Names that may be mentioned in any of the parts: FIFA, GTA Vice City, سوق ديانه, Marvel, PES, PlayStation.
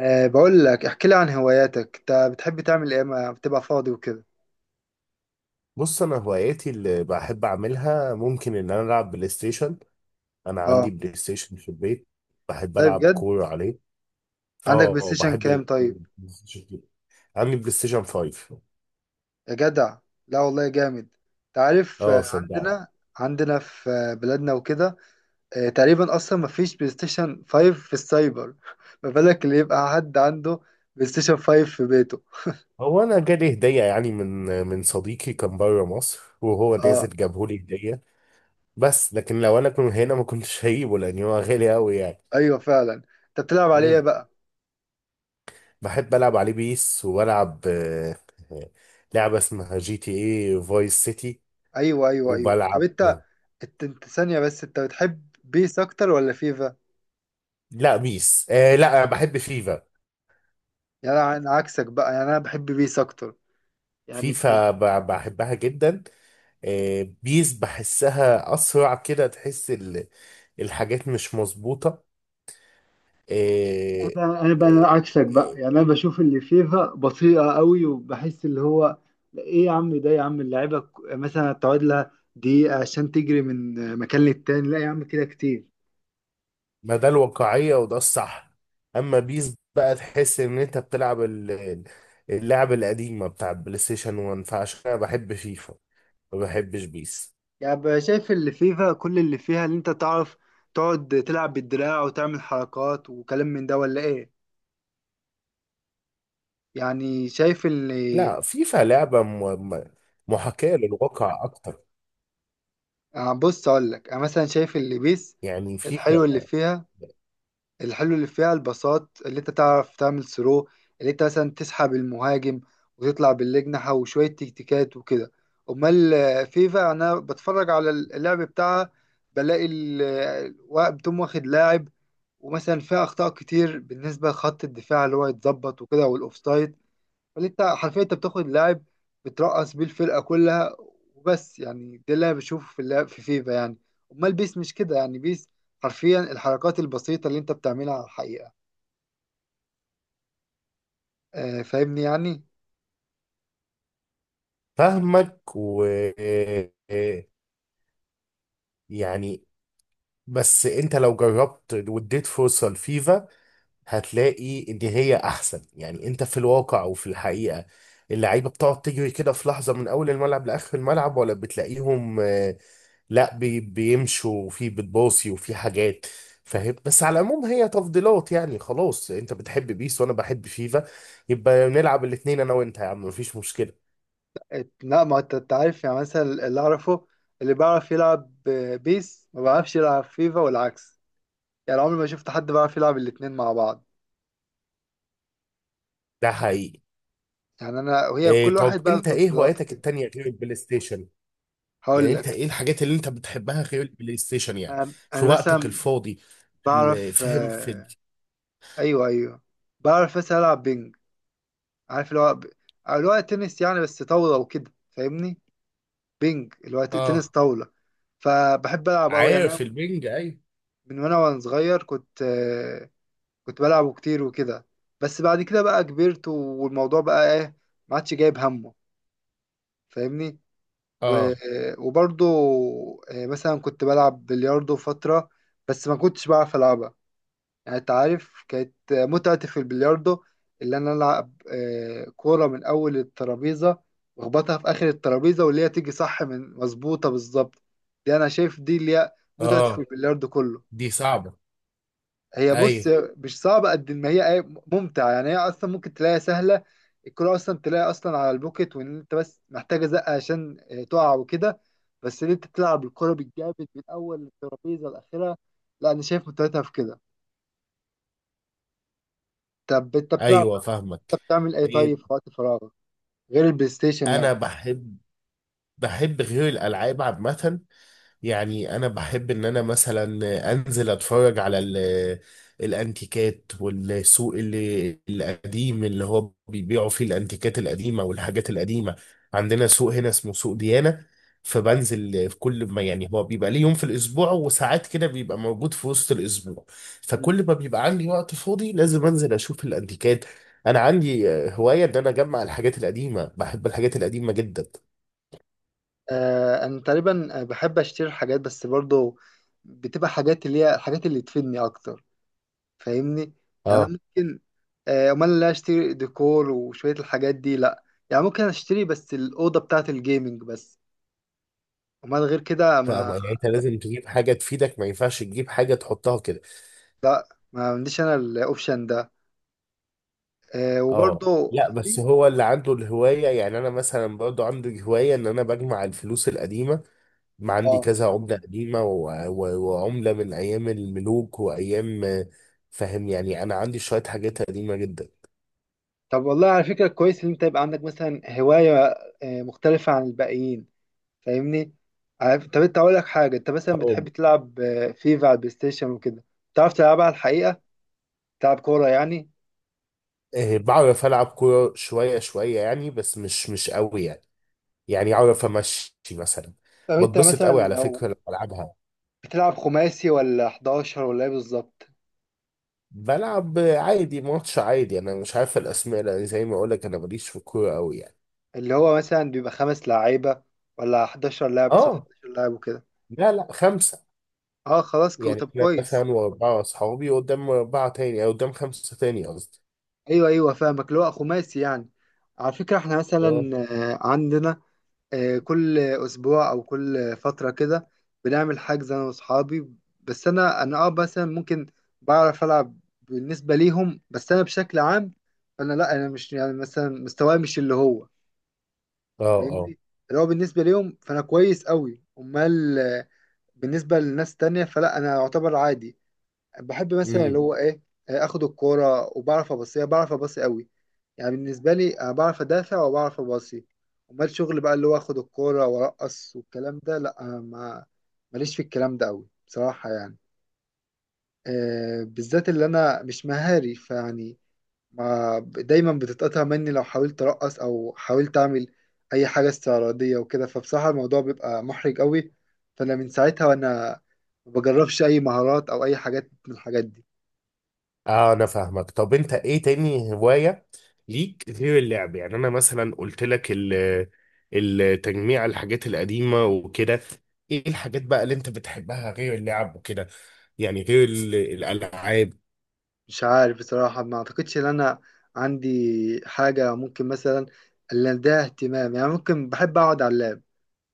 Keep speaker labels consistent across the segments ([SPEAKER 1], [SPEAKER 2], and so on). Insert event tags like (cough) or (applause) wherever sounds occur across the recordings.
[SPEAKER 1] بقول لك، احكي لي عن هواياتك، انت بتحب تعمل ايه ما بتبقى فاضي وكده؟
[SPEAKER 2] بص، انا هواياتي اللي بحب اعملها ممكن ان انا العب بلاي ستيشن. انا عندي
[SPEAKER 1] اه،
[SPEAKER 2] بلاي ستيشن في البيت. بحب
[SPEAKER 1] طيب،
[SPEAKER 2] العب
[SPEAKER 1] بجد؟
[SPEAKER 2] كورة عليه.
[SPEAKER 1] عندك بلاي
[SPEAKER 2] اه،
[SPEAKER 1] ستيشن
[SPEAKER 2] بحب
[SPEAKER 1] كام طيب؟
[SPEAKER 2] البلاي ستيشن جدا. عندي بلاي ستيشن 5.
[SPEAKER 1] يا جدع، لا والله جامد. انت عارف،
[SPEAKER 2] اه صدقني.
[SPEAKER 1] عندنا في بلادنا وكده، تقريبا اصلا ما فيش بلاي ستيشن 5 في السايبر (laughs) ما بالك اللي يبقى حد عنده بلاي ستيشن 5 في بيته.
[SPEAKER 2] هو انا جالي هدية يعني من صديقي كان بره مصر وهو نازل
[SPEAKER 1] اه،
[SPEAKER 2] جابهولي هدية. بس لكن لو انا كنت هنا ما كنتش هجيبه لان هو غالي قوي يعني.
[SPEAKER 1] ايوه، فعلا. انت بتلعب عليه إيه
[SPEAKER 2] مم.
[SPEAKER 1] بقى؟
[SPEAKER 2] بحب العب عليه بيس وبلعب آه، لعبة اسمها جي تي اي فايس سيتي
[SPEAKER 1] ايوه، ايوه، ايوه. طب،
[SPEAKER 2] وبلعب.
[SPEAKER 1] انت ثانيه بس، انت بتحب بيس اكتر ولا فيفا؟
[SPEAKER 2] لا بيس. لا بحب فيفا.
[SPEAKER 1] يعني انا عكسك بقى، يعني انا بحب بيس اكتر، يعني
[SPEAKER 2] فيفا بحبها جدا. بيس بحسها أسرع كده تحس الحاجات مش مظبوطة. آه
[SPEAKER 1] انا
[SPEAKER 2] آه،
[SPEAKER 1] بقى عكسك بقى، يعني
[SPEAKER 2] آه،
[SPEAKER 1] انا بشوف اللي فيفا بطيئه قوي، وبحس اللي هو ايه يا عم، ده يا عم اللعيبه مثلا تقعد لها دقيقه عشان تجري من مكان للتاني، لا يا عم كده كتير.
[SPEAKER 2] ما ده الواقعية وده الصح. أما بيس بقى تحس إن أنت بتلعب اللعب القديمة بتاع بلاي ستيشن 1. فعشان كده بحب فيفا. ما بحبش بيس.
[SPEAKER 1] يعني بقى شايف اللي فيفا كل اللي فيها، اللي انت تعرف تقعد تلعب بالدراع وتعمل حركات وكلام من ده ولا ايه؟ يعني شايف اللي
[SPEAKER 2] لا، فيفا لعبة محاكاة للواقع أكتر.
[SPEAKER 1] بص اقول لك، انا مثلا شايف اللي بيس
[SPEAKER 2] يعني فيفا
[SPEAKER 1] الحلو اللي فيها الحلو اللي فيها الباصات اللي انت تعرف تعمل ثرو، اللي انت مثلا تسحب المهاجم وتطلع بالاجنحة وشوية تكتيكات وكده. امال فيفا، انا بتفرج على اللعب بتاعها بلاقي بتقوم واخد لاعب، ومثلا فيها اخطاء كتير بالنسبة لخط الدفاع اللي هو يتظبط وكده، والاوفسايد، فاللي انت حرفيا انت بتاخد لاعب بترقص بيه الفرقه كلها وبس. يعني ده اللي انا بشوفه في اللعب في فيفا يعني. امال بيس مش كده، يعني بيس حرفيا الحركات البسيطه اللي انت بتعملها على الحقيقه، فاهمني يعني؟
[SPEAKER 2] فاهمك. و آه، يعني بس انت لو جربت واديت فرصة لفيفا هتلاقي ان هي احسن. يعني انت في الواقع وفي الحقيقة، اللعيبة بتقعد تجري كده في لحظة من اول الملعب لاخر الملعب، ولا بتلاقيهم. لا، بيمشوا وفي بتباصي وفي حاجات، فاهم. بس على العموم هي تفضيلات، يعني خلاص انت بتحب بيس وانا بحب فيفا. يبقى نلعب الاتنين انا وانت يا عم، مفيش مشكلة.
[SPEAKER 1] لا، ما انت عارف يعني، مثلا اللي اعرفه، اللي بيعرف يلعب بيس ما بيعرفش يلعب فيفا والعكس. يعني عمري ما شفت حد بيعرف يلعب الاتنين مع بعض،
[SPEAKER 2] ده حقيقي.
[SPEAKER 1] يعني انا وهي
[SPEAKER 2] إيه،
[SPEAKER 1] كل
[SPEAKER 2] طب
[SPEAKER 1] واحد بقى له
[SPEAKER 2] انت ايه
[SPEAKER 1] تفضيلاته
[SPEAKER 2] هواياتك
[SPEAKER 1] كده.
[SPEAKER 2] التانية غير البلاي ستيشن؟
[SPEAKER 1] هقول
[SPEAKER 2] يعني انت
[SPEAKER 1] لك،
[SPEAKER 2] ايه الحاجات اللي انت بتحبها غير البلاي ستيشن يعني؟ في
[SPEAKER 1] انا
[SPEAKER 2] وقتك
[SPEAKER 1] مثلا
[SPEAKER 2] الفاضي، في
[SPEAKER 1] بعرف،
[SPEAKER 2] فاهم، في
[SPEAKER 1] ايوه، ايوه، بعرف بس العب بينج. عارف اللي هو اللي هو تنس يعني بس طاوله وكده، فاهمني؟ بينج اللي هو تنس
[SPEAKER 2] اه،
[SPEAKER 1] طاوله، فبحب العب قوي يعني انا.
[SPEAKER 2] عارف البنج اي.
[SPEAKER 1] من وانا صغير كنت بلعبه كتير وكده، بس بعد كده بقى كبرت، والموضوع بقى ايه، ما عادش جايب همه، فاهمني. و-
[SPEAKER 2] اه.
[SPEAKER 1] وبرضه مثلا كنت بلعب بلياردو فتره، بس ما كنتش بعرف العبها. يعني انت عارف، كانت متعتي في البلياردو اللي انا العب كوره من اول الترابيزه، واخبطها في اخر الترابيزه، واللي هي تيجي صح من مظبوطه بالظبط. دي انا شايف دي اللي هي متعتي في
[SPEAKER 2] اه.
[SPEAKER 1] البلياردو كله.
[SPEAKER 2] دي صعبة.
[SPEAKER 1] هي
[SPEAKER 2] اي.
[SPEAKER 1] بص، مش صعبه قد ما هي ايه، ممتعه يعني. هي اصلا ممكن تلاقيها سهله، الكوره اصلا تلاقيها اصلا على البوكت، وان انت بس محتاجه زقه عشان تقع وكده، بس ان انت تلعب الكوره بالجامد من اول الترابيزه لاخرها، لا انا شايف متعتها في كده. طب، انت بتلعب،
[SPEAKER 2] ايوه فاهمك.
[SPEAKER 1] انت بتعمل ايه طيب في
[SPEAKER 2] إيه،
[SPEAKER 1] وقت فراغك غير البلاي ستيشن يعني؟
[SPEAKER 2] انا بحب. غير الالعاب عامة. يعني انا بحب ان انا مثلا انزل اتفرج على الانتيكات والسوق اللي القديم اللي هو بيبيعوا فيه الانتيكات القديمه والحاجات القديمه. عندنا سوق هنا اسمه سوق ديانه. فبنزل في كل ما، يعني هو بيبقى ليه يوم في الاسبوع، وساعات كده بيبقى موجود في وسط الاسبوع.
[SPEAKER 1] مم.
[SPEAKER 2] فكل ما بيبقى عندي وقت فاضي لازم انزل اشوف الانتيكات. انا عندي هوايه ان انا اجمع الحاجات القديمه، بحب الحاجات القديمه جدا.
[SPEAKER 1] انا تقريبا بحب اشتري حاجات، بس برضو بتبقى حاجات اللي هي الحاجات اللي تفيدني اكتر، فاهمني؟ يعني انا
[SPEAKER 2] آه.
[SPEAKER 1] ممكن امال لا اشتري ديكور وشوية الحاجات دي لا، يعني ممكن اشتري بس الأوضة بتاعة الجيمنج بس، امال غير كده
[SPEAKER 2] فاهمة، يعني انت لازم تجيب حاجة تفيدك، ما ينفعش تجيب حاجة تحطها كده.
[SPEAKER 1] ما عنديش انا الاوبشن ده.
[SPEAKER 2] اه
[SPEAKER 1] وبرضه
[SPEAKER 2] لا، بس
[SPEAKER 1] في
[SPEAKER 2] هو اللي عنده الهواية. يعني انا مثلا برضو عندي هواية ان انا بجمع الفلوس القديمة. ما عندي
[SPEAKER 1] اه
[SPEAKER 2] كذا عملة قديمة وعملة من ايام الملوك وايام. فاهم، يعني انا عندي شوية حاجات قديمة جدا.
[SPEAKER 1] طب والله على فكرة كويس ان انت يبقى عندك مثلا هواية مختلفة عن الباقيين، فاهمني؟ عارف؟ طب، انت اقول لك حاجه، انت مثلا
[SPEAKER 2] اه.
[SPEAKER 1] بتحب تلعب فيفا على البلاي ستيشن وكده، بتعرف تلعبها على الحقيقه، تلعب كوره يعني؟
[SPEAKER 2] بعرف العب كورة شوية شوية يعني، بس مش قوي يعني. يعني اعرف امشي مثلا.
[SPEAKER 1] طب انت
[SPEAKER 2] بتبسط
[SPEAKER 1] مثلا
[SPEAKER 2] قوي على فكرة
[SPEAKER 1] لو
[SPEAKER 2] لما العبها.
[SPEAKER 1] بتلعب خماسي ولا 11 ولا ايه بالظبط؟
[SPEAKER 2] بلعب عادي، ماتش عادي، انا مش عارف الاسماء لان زي ما اقول لك انا ماليش في الكوره قوي يعني.
[SPEAKER 1] اللي هو مثلا بيبقى 5 لعيبه ولا 11 لاعب قصاد
[SPEAKER 2] اه.
[SPEAKER 1] 11 لاعب وكده؟
[SPEAKER 2] لا، لا، خمسه.
[SPEAKER 1] اه، خلاص،
[SPEAKER 2] يعني
[SPEAKER 1] طب
[SPEAKER 2] احنا
[SPEAKER 1] كويس.
[SPEAKER 2] مثلا واربعه اصحابي قدام اربعه تاني، او قدام خمسه تاني قصدي.
[SPEAKER 1] ايوه، ايوه، فاهمك، اللي هو خماسي يعني. على فكره احنا
[SPEAKER 2] اه.
[SPEAKER 1] مثلا عندنا كل اسبوع او كل فتره كده بنعمل حجز انا واصحابي، بس انا مثلا ممكن بعرف العب بالنسبه ليهم، بس انا بشكل عام فانا لا، انا مش يعني مثلا مستواي مش اللي هو،
[SPEAKER 2] اه. اه.
[SPEAKER 1] فاهمني، اللي هو بالنسبه ليهم فانا كويس قوي، امال بالنسبه لناس تانية فلا، انا اعتبر عادي. بحب مثلا اللي
[SPEAKER 2] امم.
[SPEAKER 1] هو ايه، اخد الكوره وبعرف ابصيها، بعرف ابصي قوي، يعني بالنسبه لي انا بعرف ادافع وبعرف ابصي. امال شغل بقى اللي هو اخد الكوره وارقص والكلام ده لا، أنا ما ماليش في الكلام ده قوي بصراحه يعني، بالذات اللي انا مش مهاري فيعني، ما دايما بتتقطع مني لو حاولت ارقص او حاولت اعمل اي حاجه استعراضيه وكده، فبصراحه الموضوع بيبقى محرج قوي، فانا من ساعتها وانا ما بجربش اي مهارات او اي حاجات من الحاجات دي.
[SPEAKER 2] اه. انا فاهمك. طب انت ايه تاني هوايه ليك غير اللعب؟ يعني انا مثلا قلت لك التجميع، الحاجات القديمه وكده. ايه الحاجات بقى اللي انت بتحبها غير اللعب وكده؟ يعني غير الالعاب.
[SPEAKER 1] مش عارف بصراحة، ما أعتقدش إن أنا عندي حاجة ممكن مثلا اللي ده اهتمام يعني. ممكن بحب أقعد على اللاب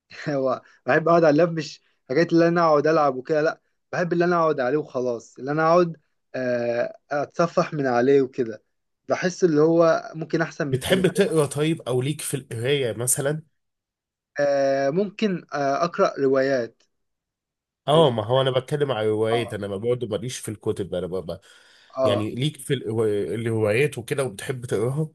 [SPEAKER 1] (laughs) هو بحب أقعد على اللاب، مش حكاية اللي أنا أقعد ألعب وكده لأ، بحب اللي أنا أقعد عليه وخلاص، اللي أنا أقعد أتصفح من عليه وكده، بحس اللي هو ممكن أحسن من
[SPEAKER 2] بتحب
[SPEAKER 1] التليفون.
[SPEAKER 2] تقرا طيب؟ او ليك في القرايه مثلا؟
[SPEAKER 1] ممكن أقرأ روايات.
[SPEAKER 2] اه،
[SPEAKER 1] روايات،
[SPEAKER 2] ما هو انا بتكلم على الروايات.
[SPEAKER 1] آه،
[SPEAKER 2] انا ما برضه ماليش في الكتب، انا ببقى.
[SPEAKER 1] آه.
[SPEAKER 2] يعني ليك في الروايات وكده، وبتحب تقراها؟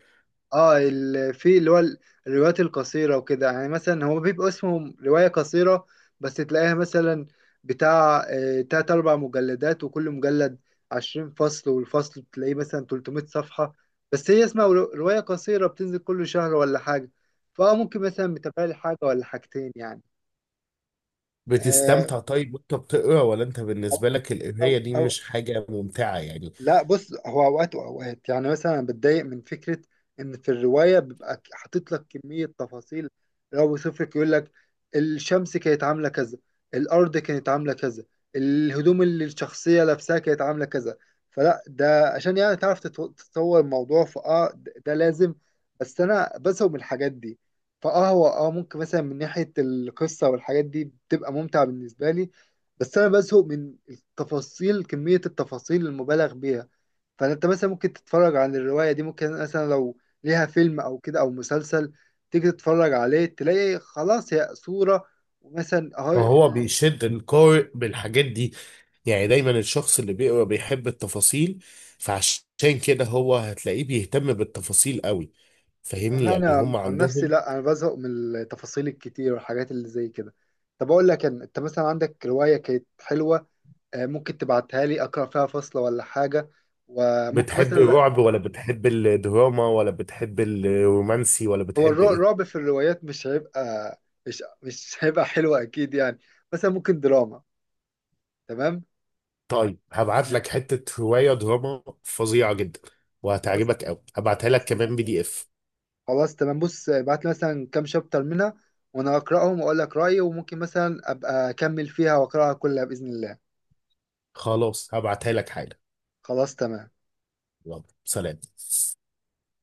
[SPEAKER 1] اه، في اللي هو الروايات القصيرة وكده يعني، مثلا هو بيبقى اسمه رواية قصيرة، بس تلاقيها مثلا بتاع 3-4 مجلدات، وكل مجلد 20 فصل، والفصل بتلاقيه مثلا 300 صفحة، بس هي اسمها رواية قصيرة بتنزل كل شهر ولا حاجة، فممكن مثلا متابع لي حاجة ولا حاجتين يعني. آه،
[SPEAKER 2] بتستمتع طيب وانت بتقرا، ولا انت
[SPEAKER 1] أو
[SPEAKER 2] بالنسبه لك
[SPEAKER 1] أو
[SPEAKER 2] القرايه دي
[SPEAKER 1] أو
[SPEAKER 2] مش حاجه ممتعه يعني؟
[SPEAKER 1] لا بص، هو اوقات واوقات يعني، مثلا أنا بتضايق من فكره ان في الروايه بيبقى حاطط لك كميه تفاصيل، لو بيوصف لك يقول لك الشمس كانت عامله كذا، الارض كانت عامله كذا، الهدوم اللي الشخصيه لابساها كانت عامله كذا، فلا ده عشان يعني تعرف تتصور الموضوع، ده لازم، بس انا بزهق من الحاجات دي. هو ممكن مثلا من ناحيه القصه والحاجات دي بتبقى ممتع بالنسبه لي، بس انا بزهق من التفاصيل، كمية التفاصيل المبالغ بيها، فانت مثلا ممكن تتفرج عن الرواية دي، ممكن مثلا لو ليها فيلم او كده او مسلسل، تيجي تتفرج عليه تلاقي خلاص هي صورة، ومثلا اهو
[SPEAKER 2] ما هو بيشد القارئ بالحاجات دي. يعني دايما الشخص اللي بيقرا بيحب التفاصيل، فعشان كده هو هتلاقيه بيهتم بالتفاصيل قوي، فاهمني،
[SPEAKER 1] لا
[SPEAKER 2] يعني
[SPEAKER 1] انا
[SPEAKER 2] هم
[SPEAKER 1] عن نفسي،
[SPEAKER 2] عندهم.
[SPEAKER 1] لا انا بزهق من التفاصيل الكتير والحاجات اللي زي كده. طب اقول لك أنا، انت مثلا عندك رواية كانت حلوة، ممكن تبعتها لي اقرا فيها فصلة ولا حاجة، وممكن
[SPEAKER 2] بتحب
[SPEAKER 1] مثلا،
[SPEAKER 2] الرعب ولا بتحب الدراما ولا بتحب الرومانسي ولا
[SPEAKER 1] هو
[SPEAKER 2] بتحب ايه؟
[SPEAKER 1] الرعب في الروايات مش هيبقى، مش هيبقى حلو اكيد يعني، مثلا ممكن دراما، تمام.
[SPEAKER 2] طيب، هبعت لك
[SPEAKER 1] آه،
[SPEAKER 2] حتة رواية دراما فظيعة جدا
[SPEAKER 1] خلاص،
[SPEAKER 2] وهتعجبك قوي. هبعتها
[SPEAKER 1] خلاص
[SPEAKER 2] لك كمان
[SPEAKER 1] تمام،
[SPEAKER 2] بي دي
[SPEAKER 1] ماشي،
[SPEAKER 2] اف.
[SPEAKER 1] خلاص تمام، بص ابعت لي مثلا كام شابتر منها وانا اقراهم واقول لك رايي، وممكن مثلا ابقى اكمل فيها واقراها كلها باذن الله.
[SPEAKER 2] خلاص، هبعتها لك حالا.
[SPEAKER 1] خلاص تمام
[SPEAKER 2] يلا سلام.